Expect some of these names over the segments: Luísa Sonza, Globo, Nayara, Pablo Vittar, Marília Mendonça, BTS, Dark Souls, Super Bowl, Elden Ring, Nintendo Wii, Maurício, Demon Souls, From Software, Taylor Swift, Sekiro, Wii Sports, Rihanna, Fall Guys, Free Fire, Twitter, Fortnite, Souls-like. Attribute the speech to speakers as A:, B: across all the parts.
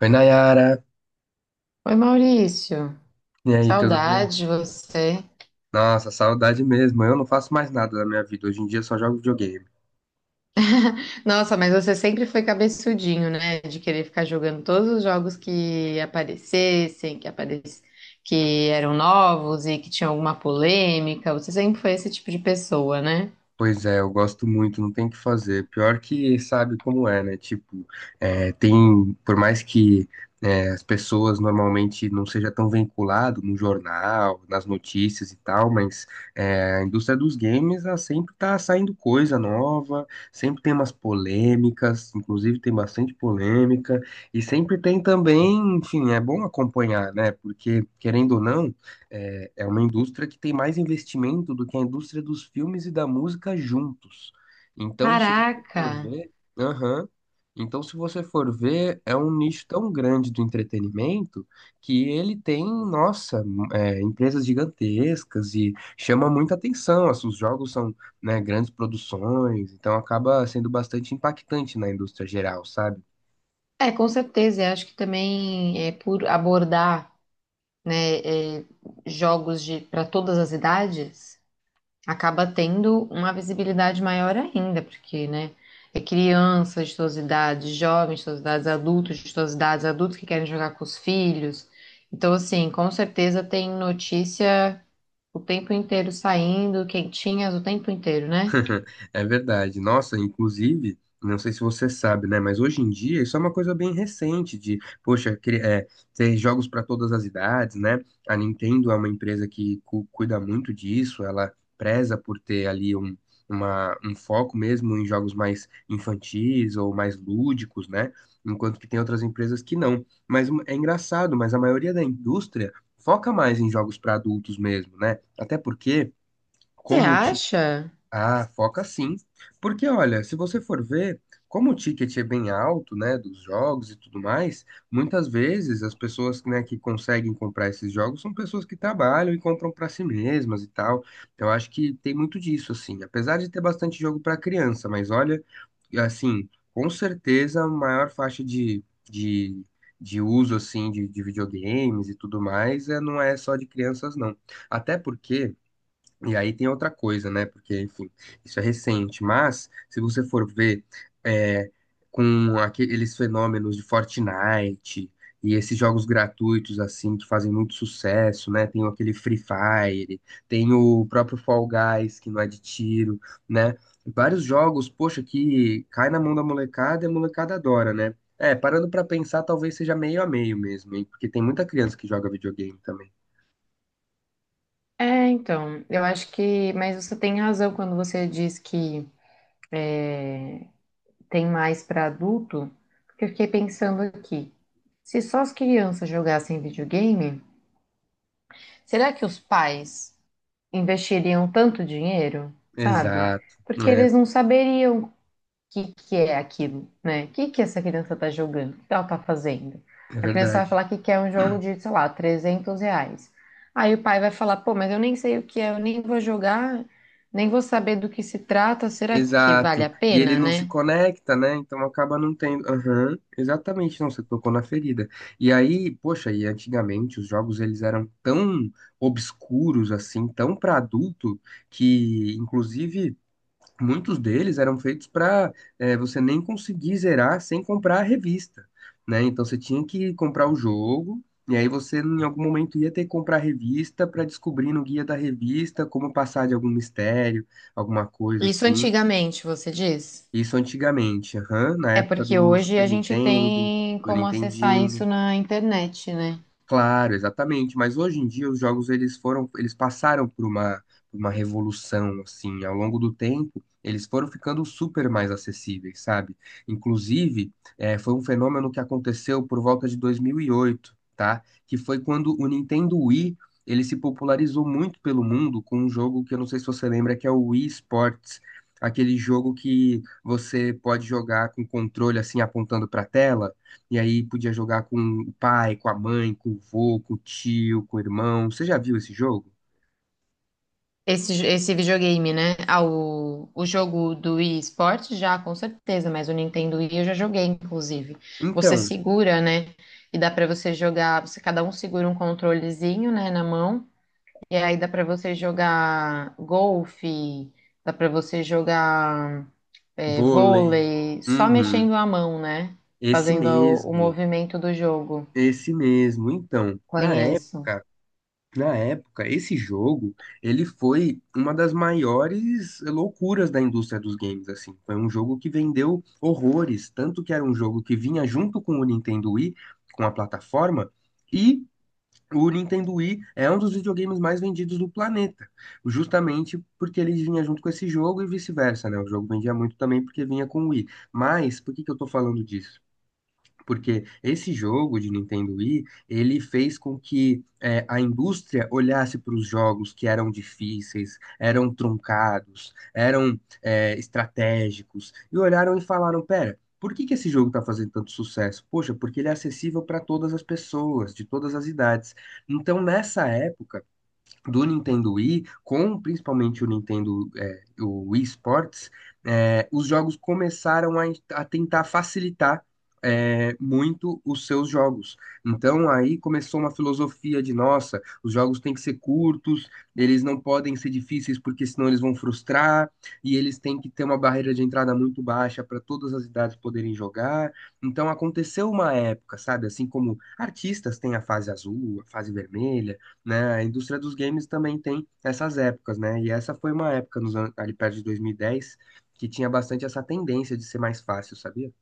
A: Oi, Nayara.
B: Oi, Maurício.
A: E aí, tudo bem?
B: Saudade de você.
A: Nossa, saudade mesmo. Eu não faço mais nada da minha vida. Hoje em dia eu só jogo videogame.
B: Nossa, mas você sempre foi cabeçudinho, né? De querer ficar jogando todos os jogos que aparecessem, que eram novos e que tinha alguma polêmica. Você sempre foi esse tipo de pessoa, né?
A: Pois é, eu gosto muito, não tem o que fazer. Pior que sabe como é, né? Tipo, tem, por mais que as pessoas normalmente não seja tão vinculado no jornal, nas notícias e tal, mas a indústria dos games, ela sempre tá saindo coisa nova, sempre tem umas polêmicas, inclusive tem bastante polêmica, e sempre tem também, enfim, é bom acompanhar, né? Porque, querendo ou não, é uma indústria que tem mais investimento do que a indústria dos filmes e da música juntos. Então, se você
B: Caraca!
A: for ver, aham. Então, se você for ver, é um nicho tão grande do entretenimento que ele tem, nossa, empresas gigantescas e chama muita atenção. Assim, os jogos são, né, grandes produções, então acaba sendo bastante impactante na indústria geral, sabe?
B: É, com certeza. Eu acho que também é por abordar, né, é, jogos de para todas as idades. Acaba tendo uma visibilidade maior ainda, porque, né, é crianças de todas as idades, jovens de todas as idades, adultos de todas as idades, adultos que querem jogar com os filhos. Então, assim, com certeza tem notícia o tempo inteiro saindo, quentinhas o tempo inteiro, né?
A: É verdade. Nossa, inclusive, não sei se você sabe, né? Mas hoje em dia isso é uma coisa bem recente de, poxa, ter jogos para todas as idades, né? A Nintendo é uma empresa que cuida muito disso, ela preza por ter ali um, um foco mesmo em jogos mais infantis ou mais lúdicos, né? Enquanto que tem outras empresas que não. Mas é engraçado, mas a maioria da indústria foca mais em jogos para adultos mesmo, né? Até porque
B: Você
A: como,
B: acha?
A: ah, foca sim. Porque, olha, se você for ver, como o ticket é bem alto, né, dos jogos e tudo mais, muitas vezes as pessoas, né, que conseguem comprar esses jogos são pessoas que trabalham e compram para si mesmas e tal. Então, eu acho que tem muito disso, assim. Apesar de ter bastante jogo para criança, mas olha, assim, com certeza a maior faixa de, de uso, assim, de videogames e tudo mais, é, não é só de crianças, não. Até porque. E aí tem outra coisa, né? Porque, enfim, isso é recente. Mas, se você for ver é, com aqueles fenômenos de Fortnite e esses jogos gratuitos, assim, que fazem muito sucesso, né? Tem aquele Free Fire, tem o próprio Fall Guys, que não é de tiro, né? Vários jogos, poxa, que cai na mão da molecada e a molecada adora, né? É, parando pra pensar, talvez seja meio a meio mesmo, hein? Porque tem muita criança que joga videogame também.
B: É, então, eu acho que, mas você tem razão quando você diz que tem mais para adulto, porque eu fiquei pensando aqui. Se só as crianças jogassem videogame, será que os pais investiriam tanto dinheiro, sabe?
A: Exato,
B: Porque
A: né?
B: eles não saberiam o que que é aquilo, né? O que que essa criança tá jogando? O que ela tá fazendo?
A: É
B: A criança vai
A: verdade.
B: falar que quer um jogo de, sei lá, 300 reais. Aí o pai vai falar, pô, mas eu nem sei o que é, eu nem vou jogar, nem vou saber do que se trata, será que vale
A: Exato.
B: a
A: E ele
B: pena,
A: não se
B: né?
A: conecta, né? Então acaba não tendo. Aham, exatamente. Não, você tocou na ferida. E aí, poxa, e antigamente os jogos eles eram tão obscuros assim, tão para adulto, que inclusive muitos deles eram feitos para você nem conseguir zerar sem comprar a revista, né? Então você tinha que comprar o jogo. E aí você em algum momento ia ter que comprar a revista para descobrir no guia da revista como passar de algum mistério, alguma coisa
B: Isso
A: assim.
B: antigamente, você diz?
A: Isso antigamente, aham, na
B: É
A: época
B: porque
A: do
B: hoje
A: Super
B: a gente
A: Nintendo,
B: tem
A: do
B: como acessar
A: Nintendinho.
B: isso na internet, né?
A: Claro, exatamente. Mas hoje em dia os jogos eles foram, eles passaram por uma revolução assim. Ao longo do tempo, eles foram ficando super mais acessíveis, sabe? Inclusive, foi um fenômeno que aconteceu por volta de 2008, tá? Que foi quando o Nintendo Wii ele se popularizou muito pelo mundo com um jogo que eu não sei se você lembra, que é o Wii Sports, aquele jogo que você pode jogar com controle assim apontando para a tela. E aí podia jogar com o pai, com a mãe, com o vô, com o tio, com o irmão. Você já viu esse jogo?
B: Esse videogame, né? Ah, o jogo do Wii Sports já, com certeza, mas o Nintendo Wii eu já joguei, inclusive. Você
A: Então,
B: segura, né? E dá pra você jogar, você cada um segura um controlezinho, né, na mão, e aí dá pra você jogar golfe, dá pra você jogar
A: vôlei.
B: vôlei, só
A: Uhum.
B: mexendo a mão, né?
A: Esse
B: Fazendo o
A: mesmo.
B: movimento do jogo.
A: Esse mesmo. Então,
B: Conheço.
A: na época, esse jogo, ele foi uma das maiores loucuras da indústria dos games, assim. Foi um jogo que vendeu horrores, tanto que era um jogo que vinha junto com o Nintendo Wii, com a plataforma, e o Nintendo Wii é um dos videogames mais vendidos do planeta, justamente porque ele vinha junto com esse jogo e vice-versa, né? O jogo vendia muito também porque vinha com o Wii. Mas, por que que eu tô falando disso? Porque esse jogo de Nintendo Wii, ele fez com que a indústria olhasse para os jogos que eram difíceis, eram truncados, eram estratégicos, e olharam e falaram, pera, por que que esse jogo está fazendo tanto sucesso? Poxa, porque ele é acessível para todas as pessoas, de todas as idades. Então, nessa época, do Nintendo Wii, com principalmente o Nintendo, é, o Wii Sports, é, os jogos começaram a tentar facilitar muito os seus jogos. Então aí começou uma filosofia de, nossa, os jogos têm que ser curtos, eles não podem ser difíceis porque senão eles vão frustrar, e eles têm que ter uma barreira de entrada muito baixa para todas as idades poderem jogar. Então aconteceu uma época, sabe? Assim como artistas têm a fase azul, a fase vermelha, né? A indústria dos games também tem essas épocas, né? E essa foi uma época nos ali perto de 2010 que tinha bastante essa tendência de ser mais fácil, sabia?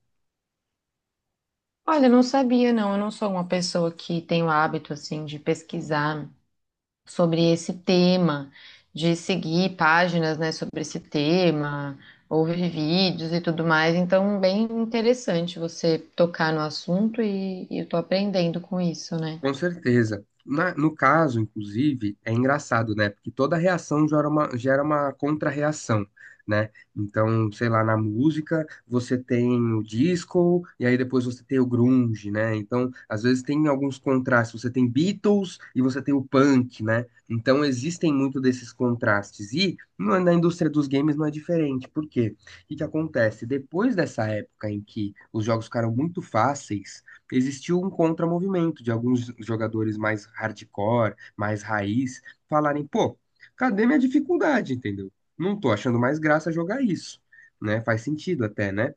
B: Olha, eu não sabia, não. Eu não sou uma pessoa que tem o hábito, assim, de pesquisar sobre esse tema, de seguir páginas, né, sobre esse tema, ouvir vídeos e tudo mais. Então, bem interessante você tocar no assunto e eu tô aprendendo com isso, né?
A: Com certeza. No caso, inclusive, é engraçado, né? Porque toda reação gera uma contra-reação, né? Então, sei lá, na música você tem o disco e aí depois você tem o grunge, né? Então, às vezes tem alguns contrastes. Você tem Beatles e você tem o punk, né? Então, existem muito desses contrastes. E na indústria dos games não é diferente. Por quê? O que que acontece? Depois dessa época em que os jogos ficaram muito fáceis existiu um contramovimento de alguns jogadores mais hardcore, mais raiz, falarem, pô, cadê minha dificuldade, entendeu? Não tô achando mais graça jogar isso, né? Faz sentido até, né?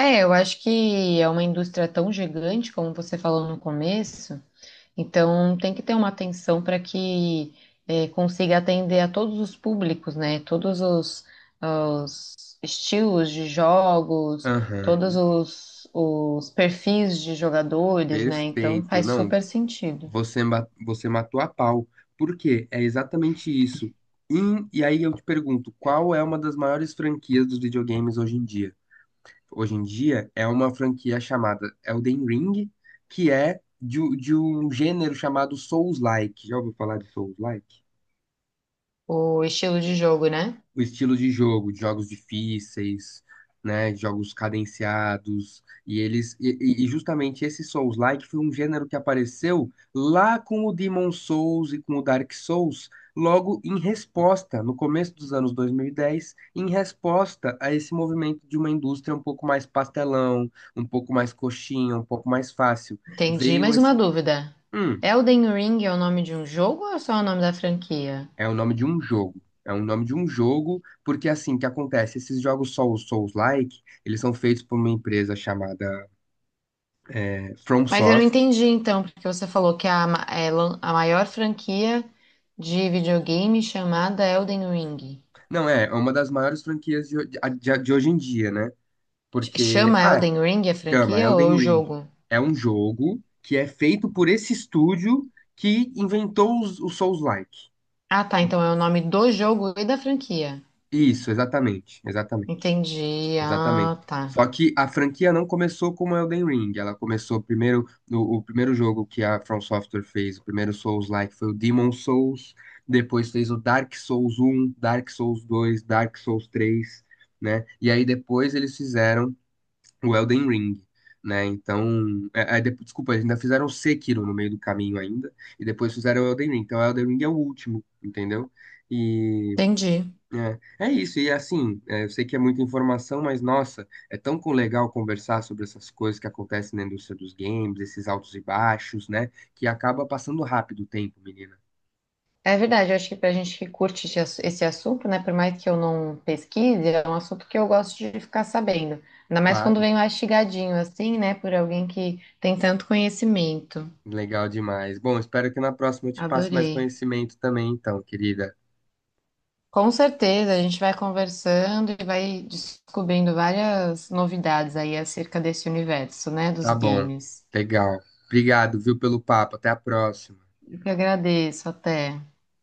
B: É, eu acho que é uma indústria tão gigante, como você falou no começo, então tem que ter uma atenção para que consiga atender a todos os públicos, né? Todos os estilos de jogos,
A: Aham,
B: todos os perfis de jogadores, né? Então
A: perfeito.
B: faz
A: Não,
B: super sentido
A: você, você matou a pau. Por quê? É exatamente isso. E aí eu te pergunto, qual é uma das maiores franquias dos videogames hoje em dia? Hoje em dia é uma franquia chamada Elden Ring, que é de um gênero chamado Souls-like. Já ouviu falar de Souls-like?
B: o estilo de jogo, né?
A: O estilo de jogo, de jogos difíceis, né, de jogos cadenciados, e e justamente esse Souls-like foi um gênero que apareceu lá com o Demon Souls e com o Dark Souls, logo em resposta, no começo dos anos 2010, em resposta a esse movimento de uma indústria um pouco mais pastelão, um pouco mais coxinha, um pouco mais fácil.
B: Entendi.
A: Veio
B: Mais uma
A: esse
B: dúvida.
A: Hum.
B: Elden Ring é o nome de um jogo ou é só o nome da franquia?
A: É o nome de um jogo. É o nome de um jogo, porque assim, o que acontece? Esses jogos Souls-like, eles são feitos por uma empresa chamada From
B: Mas eu não
A: Software.
B: entendi então, porque você falou que é a, ma- é lan- a maior franquia de videogame chamada Elden Ring.
A: Não, é, é uma das maiores franquias de, ho- de hoje em dia, né? Porque,
B: Chama
A: ah,
B: Elden Ring a
A: chama
B: franquia ou é
A: Elden
B: o
A: Ring.
B: jogo?
A: É um jogo que é feito por esse estúdio que inventou os Souls-like.
B: Ah, tá. Então é o nome do jogo e da franquia.
A: Isso, exatamente, exatamente.
B: Entendi.
A: Exatamente.
B: Ah, tá.
A: Só que a franquia não começou como Elden Ring, ela começou primeiro no o primeiro jogo que a From Software fez, o primeiro Souls-like foi o Demon Souls, depois fez o Dark Souls um, Dark Souls dois, Dark Souls três, né? E aí depois eles fizeram o Elden Ring, né? Então, desculpa, eles ainda fizeram o Sekiro no meio do caminho ainda, e depois fizeram o Elden Ring. Então, o Elden Ring é o último, entendeu?
B: Entendi.
A: É, é isso, e assim, é, eu sei que é muita informação, mas nossa, é tão legal conversar sobre essas coisas que acontecem na indústria dos games, esses altos e baixos, né? Que acaba passando rápido o tempo, menina.
B: É verdade, eu acho que pra gente que curte esse assunto, né, por mais que eu não pesquise, é um assunto que eu gosto de ficar sabendo. Ainda mais quando
A: Claro,
B: vem mastigadinho assim, né, por alguém que tem tanto conhecimento.
A: legal demais. Bom, espero que na próxima eu te passe mais
B: Adorei.
A: conhecimento também, então, querida.
B: Com certeza, a gente vai conversando e vai descobrindo várias novidades aí acerca desse universo, né, dos
A: Tá bom,
B: games.
A: legal. Obrigado, viu, pelo papo. Até a próxima.
B: Eu que agradeço, até.